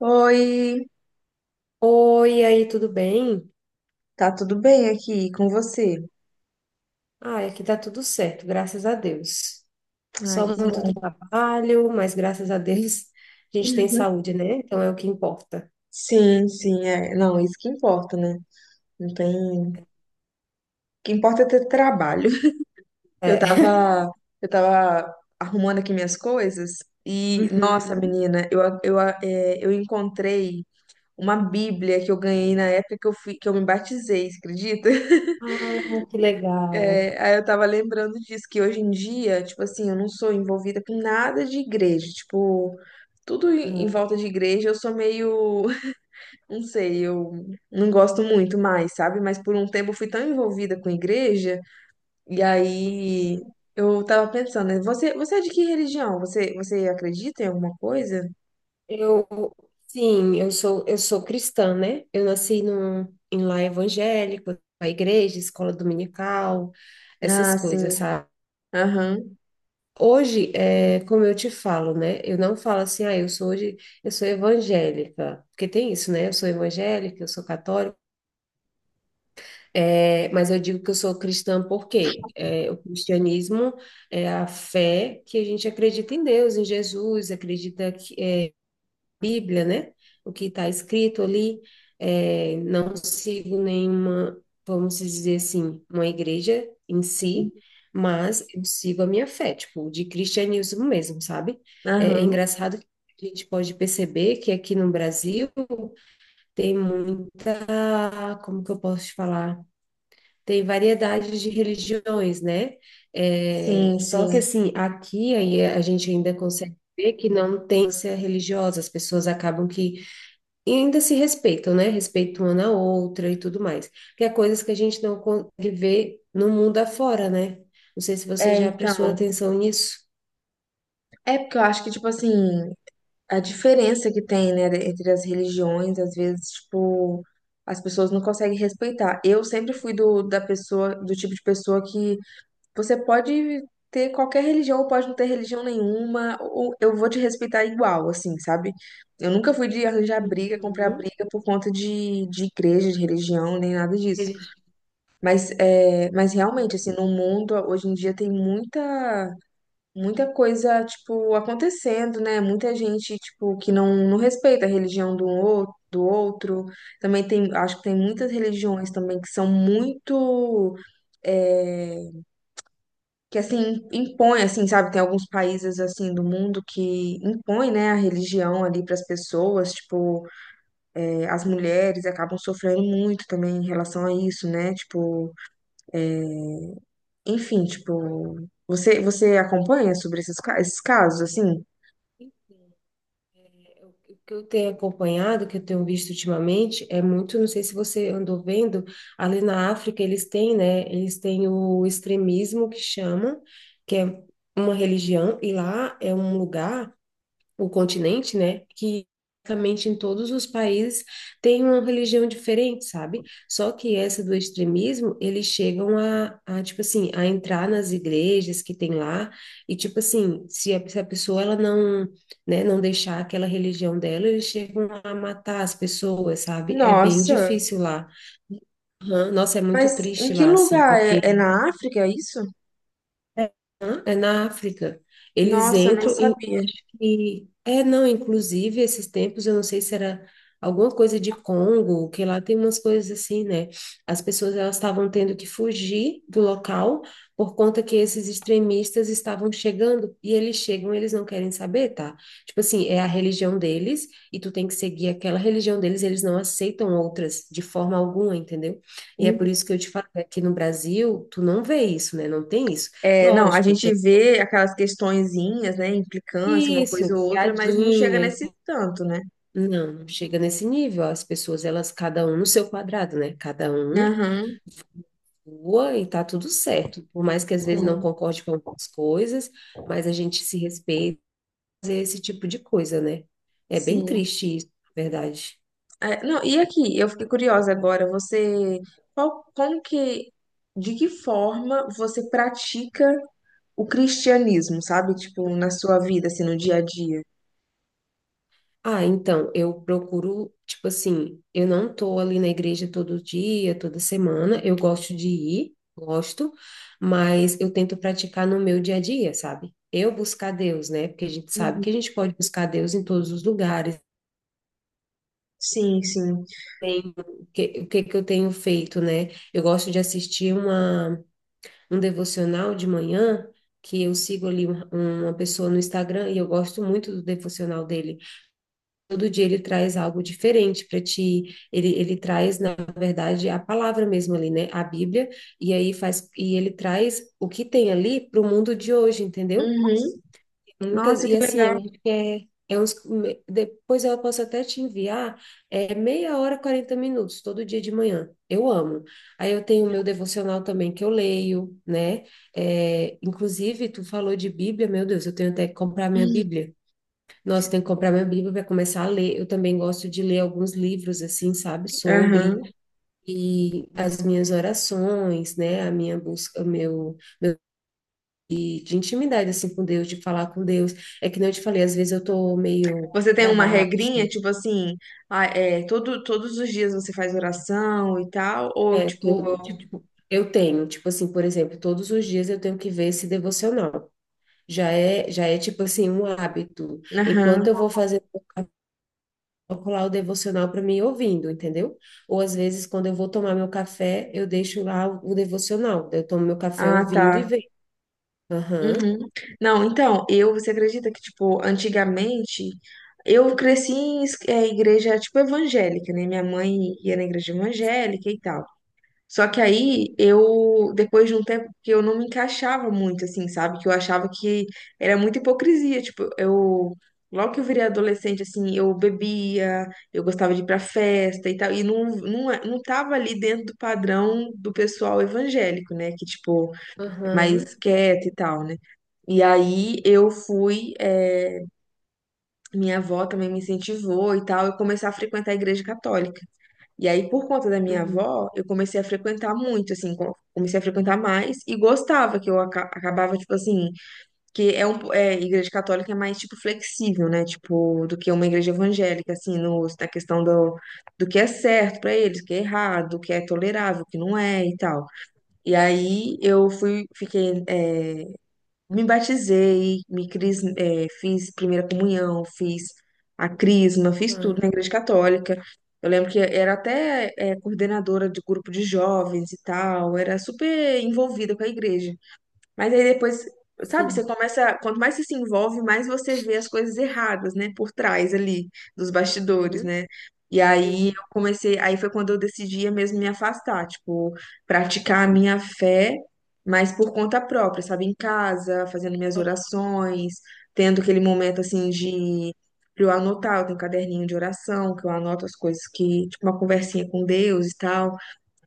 Oi, Oi, aí, tudo bem? tá tudo bem aqui com você? Ai, aqui tá tudo certo, graças a Deus. Ai, Só que muito bom. trabalho, mas graças a Deus a gente tem saúde, né? Então é o que importa. Sim, sim, é. Não, isso que importa, né? Não tem. O que importa é ter trabalho. Eu É. tava, eu tava arrumando aqui minhas coisas e, nossa, Uhum. menina, eu, eu encontrei uma Bíblia que eu ganhei na época que eu me batizei, você acredita? Ah, que legal. É, aí eu tava lembrando disso, que hoje em dia, tipo assim, eu não sou envolvida com nada de igreja, tipo, tudo em Uhum. volta de igreja, eu sou meio. Não sei, eu não gosto muito mais, sabe? Mas por um tempo eu fui tão envolvida com igreja, e aí Uhum. eu tava pensando, né, você é de que religião? Você acredita em alguma coisa? Eu, sim, eu sou cristã, né? Em lar evangélico, a igreja, escola dominical, essas Ah, coisas, sim. sabe? Aham. Hoje, como eu te falo, né? Eu não falo assim, ah, eu sou evangélica, porque tem isso, né? Eu sou evangélica, eu sou católica, mas eu digo que eu sou cristã porque o cristianismo é a fé que a gente acredita em Deus, em Jesus, acredita que, Bíblia, né? O que está escrito ali, não sigo nenhuma, vamos dizer assim, uma igreja em si, mas eu sigo a minha fé, tipo, de cristianismo mesmo, sabe? É Aham. engraçado que a gente pode perceber que aqui no Brasil tem muita, como que eu posso te falar? Tem variedade de religiões, né? É, Sim, só que sim. assim, aqui aí a gente ainda consegue ver que não tem ser religiosa, as pessoas acabam que e ainda se respeitam, né? Respeitam uma na outra e tudo mais. Que é coisas que a gente não consegue ver no mundo afora, né? Não sei se você É, já prestou então, atenção nisso. é porque eu acho que, tipo assim, a diferença que tem, né, entre as religiões, às vezes, tipo, as pessoas não conseguem respeitar. Eu sempre fui da pessoa, do tipo de pessoa que. Você pode ter qualquer religião ou pode não ter religião nenhuma, ou eu vou te respeitar igual, assim, sabe? Eu nunca fui de arranjar briga, comprar Uhum. briga por conta de igreja, de religião, nem nada disso. Eles- Mas, é, mas realmente, Uhum. assim, no mundo, hoje em dia tem muita, muita coisa, tipo, acontecendo, né? Muita gente, tipo, que não respeita a religião do outro. Do outro, também tem, acho que tem muitas religiões também que são muito, é, que assim impõe, assim, sabe? Tem alguns países assim do mundo que impõe, né, a religião ali para as pessoas, tipo, as mulheres acabam sofrendo muito também em relação a isso, né? Tipo, enfim, tipo, você acompanha sobre esses, esses casos assim? O que eu tenho acompanhado, que eu tenho visto ultimamente, é muito, não sei se você andou vendo, ali na África eles têm, né? Eles têm o extremismo que chama, que é uma religião, e lá é um lugar, o continente, né? Que basicamente em todos os países tem uma religião diferente, sabe? Só que essa do extremismo, eles chegam tipo assim, a entrar nas igrejas que tem lá e, tipo assim, se a pessoa ela não, né, não deixar aquela religião dela, eles chegam a matar as pessoas, sabe? É bem Nossa, difícil lá. Nossa, é muito mas em triste que lá, assim, lugar é, porque é na África é isso? é na África. Eles Nossa, eu nem entram. sabia. E, é, não, inclusive, esses tempos, eu não sei se era alguma coisa de Congo, que lá tem umas coisas assim, né? As pessoas, elas estavam tendo que fugir do local por conta que esses extremistas estavam chegando, e eles chegam, eles não querem saber, tá? Tipo assim, é a religião deles, e tu tem que seguir aquela religião deles, eles não aceitam outras de forma alguma, entendeu? E é Uhum. por isso que eu te falo, aqui no Brasil, tu não vê isso, né? Não tem isso. É, não, a Lógico, gente tem vê aquelas questõezinhas, né, implicância, uma isso, coisa ou outra, mas não chega piadinha. nesse tanto, né? Não, não chega nesse nível. As pessoas, elas, cada um no seu quadrado, né? Cada um Aham, voa e tá tudo certo. Por mais que às vezes não sim. concorde com algumas coisas, mas a gente se respeita, fazer esse tipo de coisa, né? É bem Sim. triste isso, na verdade. É, não, e aqui, eu fiquei curiosa agora, você, qual, como que, de que forma você pratica o cristianismo, sabe? Tipo, na sua vida, assim, no dia a dia. Ah, então, eu procuro, tipo assim, eu não tô ali na igreja todo dia, toda semana. Eu gosto de ir, gosto, mas eu tento praticar no meu dia a dia, sabe? Eu buscar Deus, né? Porque a gente sabe Uhum. que a gente pode buscar Deus em todos os lugares. Sim, sim. tenho- o que que eu tenho feito, né? Eu gosto de assistir uma, um devocional de manhã, que eu sigo ali um- uma pessoa no Instagram e eu gosto muito do devocional dele. Todo dia ele traz algo diferente para ti. Ele traz, na verdade, a palavra mesmo ali, né? A Bíblia, e aí faz, e ele traz o que tem ali para o mundo de hoje, entendeu? Uhum. Muitas, Nossa, que e assim, legal. eu acho que é uns, depois eu posso até te enviar, é meia hora, 40 minutos, todo dia de manhã. Eu amo. Aí eu tenho o meu devocional também que eu leio, né? É, inclusive, tu falou de Bíblia, meu Deus, eu tenho até que comprar minha Bíblia. Nossa, tenho que comprar minha Bíblia para começar a ler. Eu também gosto de ler alguns livros, assim, sabe, sobre. Aham. E as minhas orações, né? A minha busca, o meu de intimidade assim com Deus, de falar com Deus. É que nem eu te falei, às vezes eu tô meio Você tem para uma baixo. regrinha, tipo assim, ah, é, todo, todos os dias você faz oração e tal, ou tipo, Eu tenho, tipo assim, por exemplo, todos os dias eu tenho que ver esse devocional. Já é tipo assim, um hábito. aham. Enquanto eu vou fazer, eu coloco lá o devocional para mim ouvindo, entendeu? Ou às vezes, quando eu vou tomar meu café, eu deixo lá o devocional. Eu tomo meu café Ah, ouvindo e tá. vejo. Aham. Uhum. Não, então, eu, você acredita que, tipo, antigamente, eu cresci em igreja, tipo, evangélica, né? Minha mãe ia na igreja evangélica e tal. Só que Uhum. aí, eu, depois de um tempo que eu não me encaixava muito, assim, sabe? Que eu achava que era muita hipocrisia, tipo, eu... Logo que eu virei adolescente, assim, eu bebia, eu gostava de ir pra festa e tal, e não tava ali dentro do padrão do pessoal evangélico, né? Que, tipo, Aham. mais quieta e tal, né? E aí eu fui, minha avó também me incentivou e tal, eu comecei a frequentar a igreja católica. E aí, por conta da minha Uhum. avó, eu comecei a frequentar muito, assim, comecei a frequentar mais e gostava que eu acabava, tipo assim, que é um, é, igreja católica é mais, tipo, flexível, né, tipo, do que uma igreja evangélica, assim, no, na questão do, do que é certo pra eles, o que é errado, o que é tolerável, o que não é e tal. E aí, eu fui, fiquei, me batizei, fiz primeira comunhão, fiz a crisma, fiz tudo Aham. na igreja católica. Eu lembro que era até coordenadora de grupo de jovens e tal, era super envolvida com a igreja. Mas aí depois, sabe, Sim. você começa, quanto mais você se envolve, mais você vê as coisas erradas, né, por trás ali dos bastidores, Uhum. né? E aí Sim. eu comecei, aí foi quando eu decidi mesmo me afastar, tipo, praticar a minha fé, mas por conta própria, sabe, em casa, fazendo minhas orações, tendo aquele momento assim de pra eu anotar, eu tenho um caderninho de oração, que eu anoto as coisas que, tipo, uma conversinha com Deus e tal.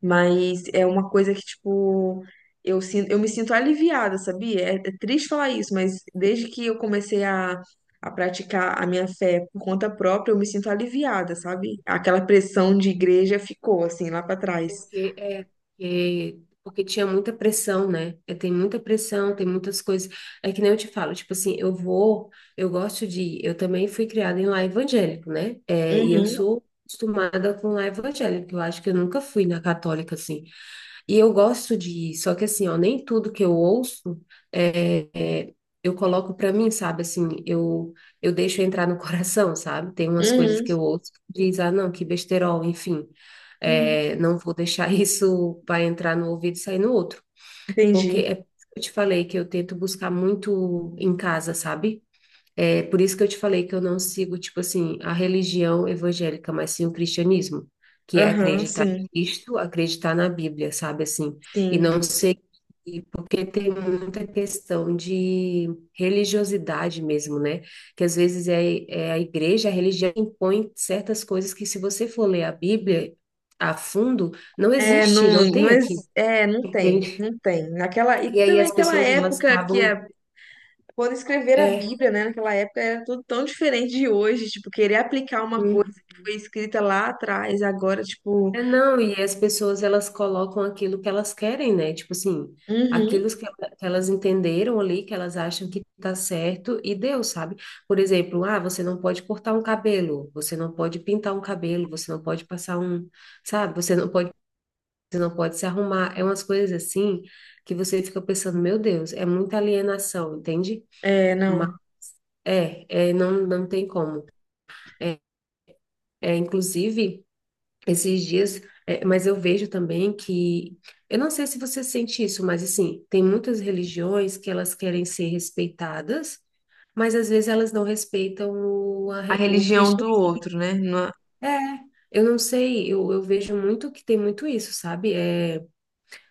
Mas é uma coisa que, tipo, eu sinto, eu me sinto aliviada, sabia? É, é triste falar isso, mas desde que eu comecei a praticar a minha fé por conta própria, eu me sinto aliviada, sabe? Aquela pressão de igreja ficou, assim, lá pra É trás. Porque, é, é, Porque tinha muita pressão, né? É, tem muita pressão, tem muitas coisas. É que nem eu te falo, tipo assim, eu gosto de ir. Eu também fui criada em lar evangélico, né? É, e eu Uhum, sou acostumada com lar evangélico. Eu acho que eu nunca fui na católica, assim. E eu gosto de ir, só que assim, ó, nem tudo que eu ouço é, é, eu coloco pra mim, sabe? Eu deixo entrar no coração, sabe? Tem umas coisas uhum, que eu ouço que diz, ah, não, que besterol, enfim. uhum. É, não vou deixar isso para entrar no ouvido e sair no outro. Porque Entendi. é, eu te falei que eu tento buscar muito em casa, sabe? É por isso que eu te falei que eu não sigo, tipo assim, a religião evangélica, mas sim o cristianismo, que é Aham, acreditar em sim, Cristo, acreditar na Bíblia, sabe assim? E sim. não sei, porque tem muita questão de religiosidade mesmo, né? Que às vezes é a igreja, a religião impõe certas coisas que se você for ler a Bíblia a fundo, não É, existe, não tem aqui, não tem, entende? não tem. Naquela, e E aí também as aquela pessoas, elas época que acabam, é quando escrever a é, Bíblia, né, naquela época era tudo tão diferente de hoje, tipo, querer aplicar uma coisa uhum. que foi escrita lá atrás, agora, tipo, É, não, e as pessoas elas colocam aquilo que elas querem, né? Tipo assim, aquilo uhum, que, que elas entenderam ali, que elas acham que tá certo e deu, sabe? Por exemplo, ah, você não pode cortar um cabelo, você não pode pintar um cabelo, você não pode passar um, sabe? Você não pode se arrumar. É umas coisas assim que você fica pensando, meu Deus, é muita alienação, entende? é, Mas, não, não, não tem como. É, Inclusive. Esses dias, é, mas eu vejo também que, eu não sei se você sente isso, mas assim, tem muitas religiões que elas querem ser respeitadas, mas às vezes elas não respeitam a o religião Cristo. do outro, né? É, eu não sei, eu vejo muito que tem muito isso, sabe? É,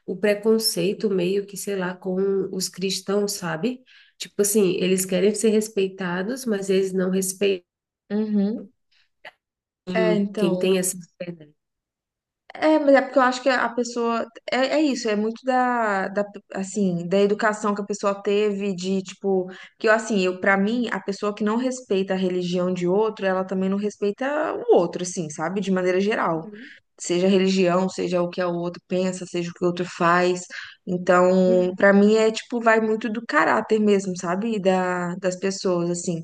o preconceito meio que, sei lá, com os cristãos, sabe? Tipo assim, eles querem ser respeitados, mas eles não respeitam Uhum. É, quem então, tem essa fé, né? é, mas é porque eu acho que a pessoa, é, é isso, é muito da, assim, da educação que a pessoa teve, de, tipo, que eu, assim, eu, pra mim, a pessoa que não respeita a religião de outro, ela também não respeita o outro, assim, sabe? De maneira geral. Uhum. Seja religião, seja o que o outro pensa, seja o que o outro faz. Uhum. Então, pra mim é tipo, vai muito do caráter mesmo, sabe? E da, das pessoas, assim.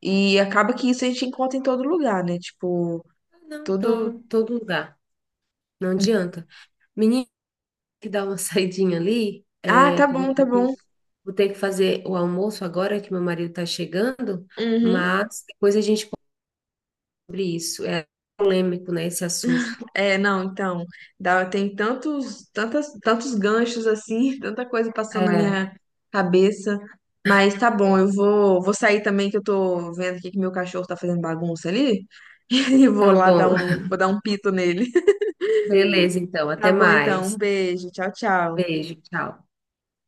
E acaba que isso a gente encontra em todo lugar, né? Tipo, Não, todo. então, todo lugar, não adianta. Menina, que dá uma saidinha ali, Ah, tá que eu bom, tá bom. vou ter que fazer o almoço agora que meu marido está chegando, Uhum. mas depois a gente pode sobre isso. É polêmico, né, esse assunto. É, não, então, dá, tem tantos, tantas, tantos ganchos assim, tanta coisa passando na É, minha cabeça. Mas tá bom, eu vou, vou sair também, que eu tô vendo aqui que meu cachorro tá fazendo bagunça ali. E vou tá lá dar bom. um, vou dar um pito nele. Beleza, então. Tá Até bom, então, um mais. beijo, tchau, tchau. Beijo, tchau.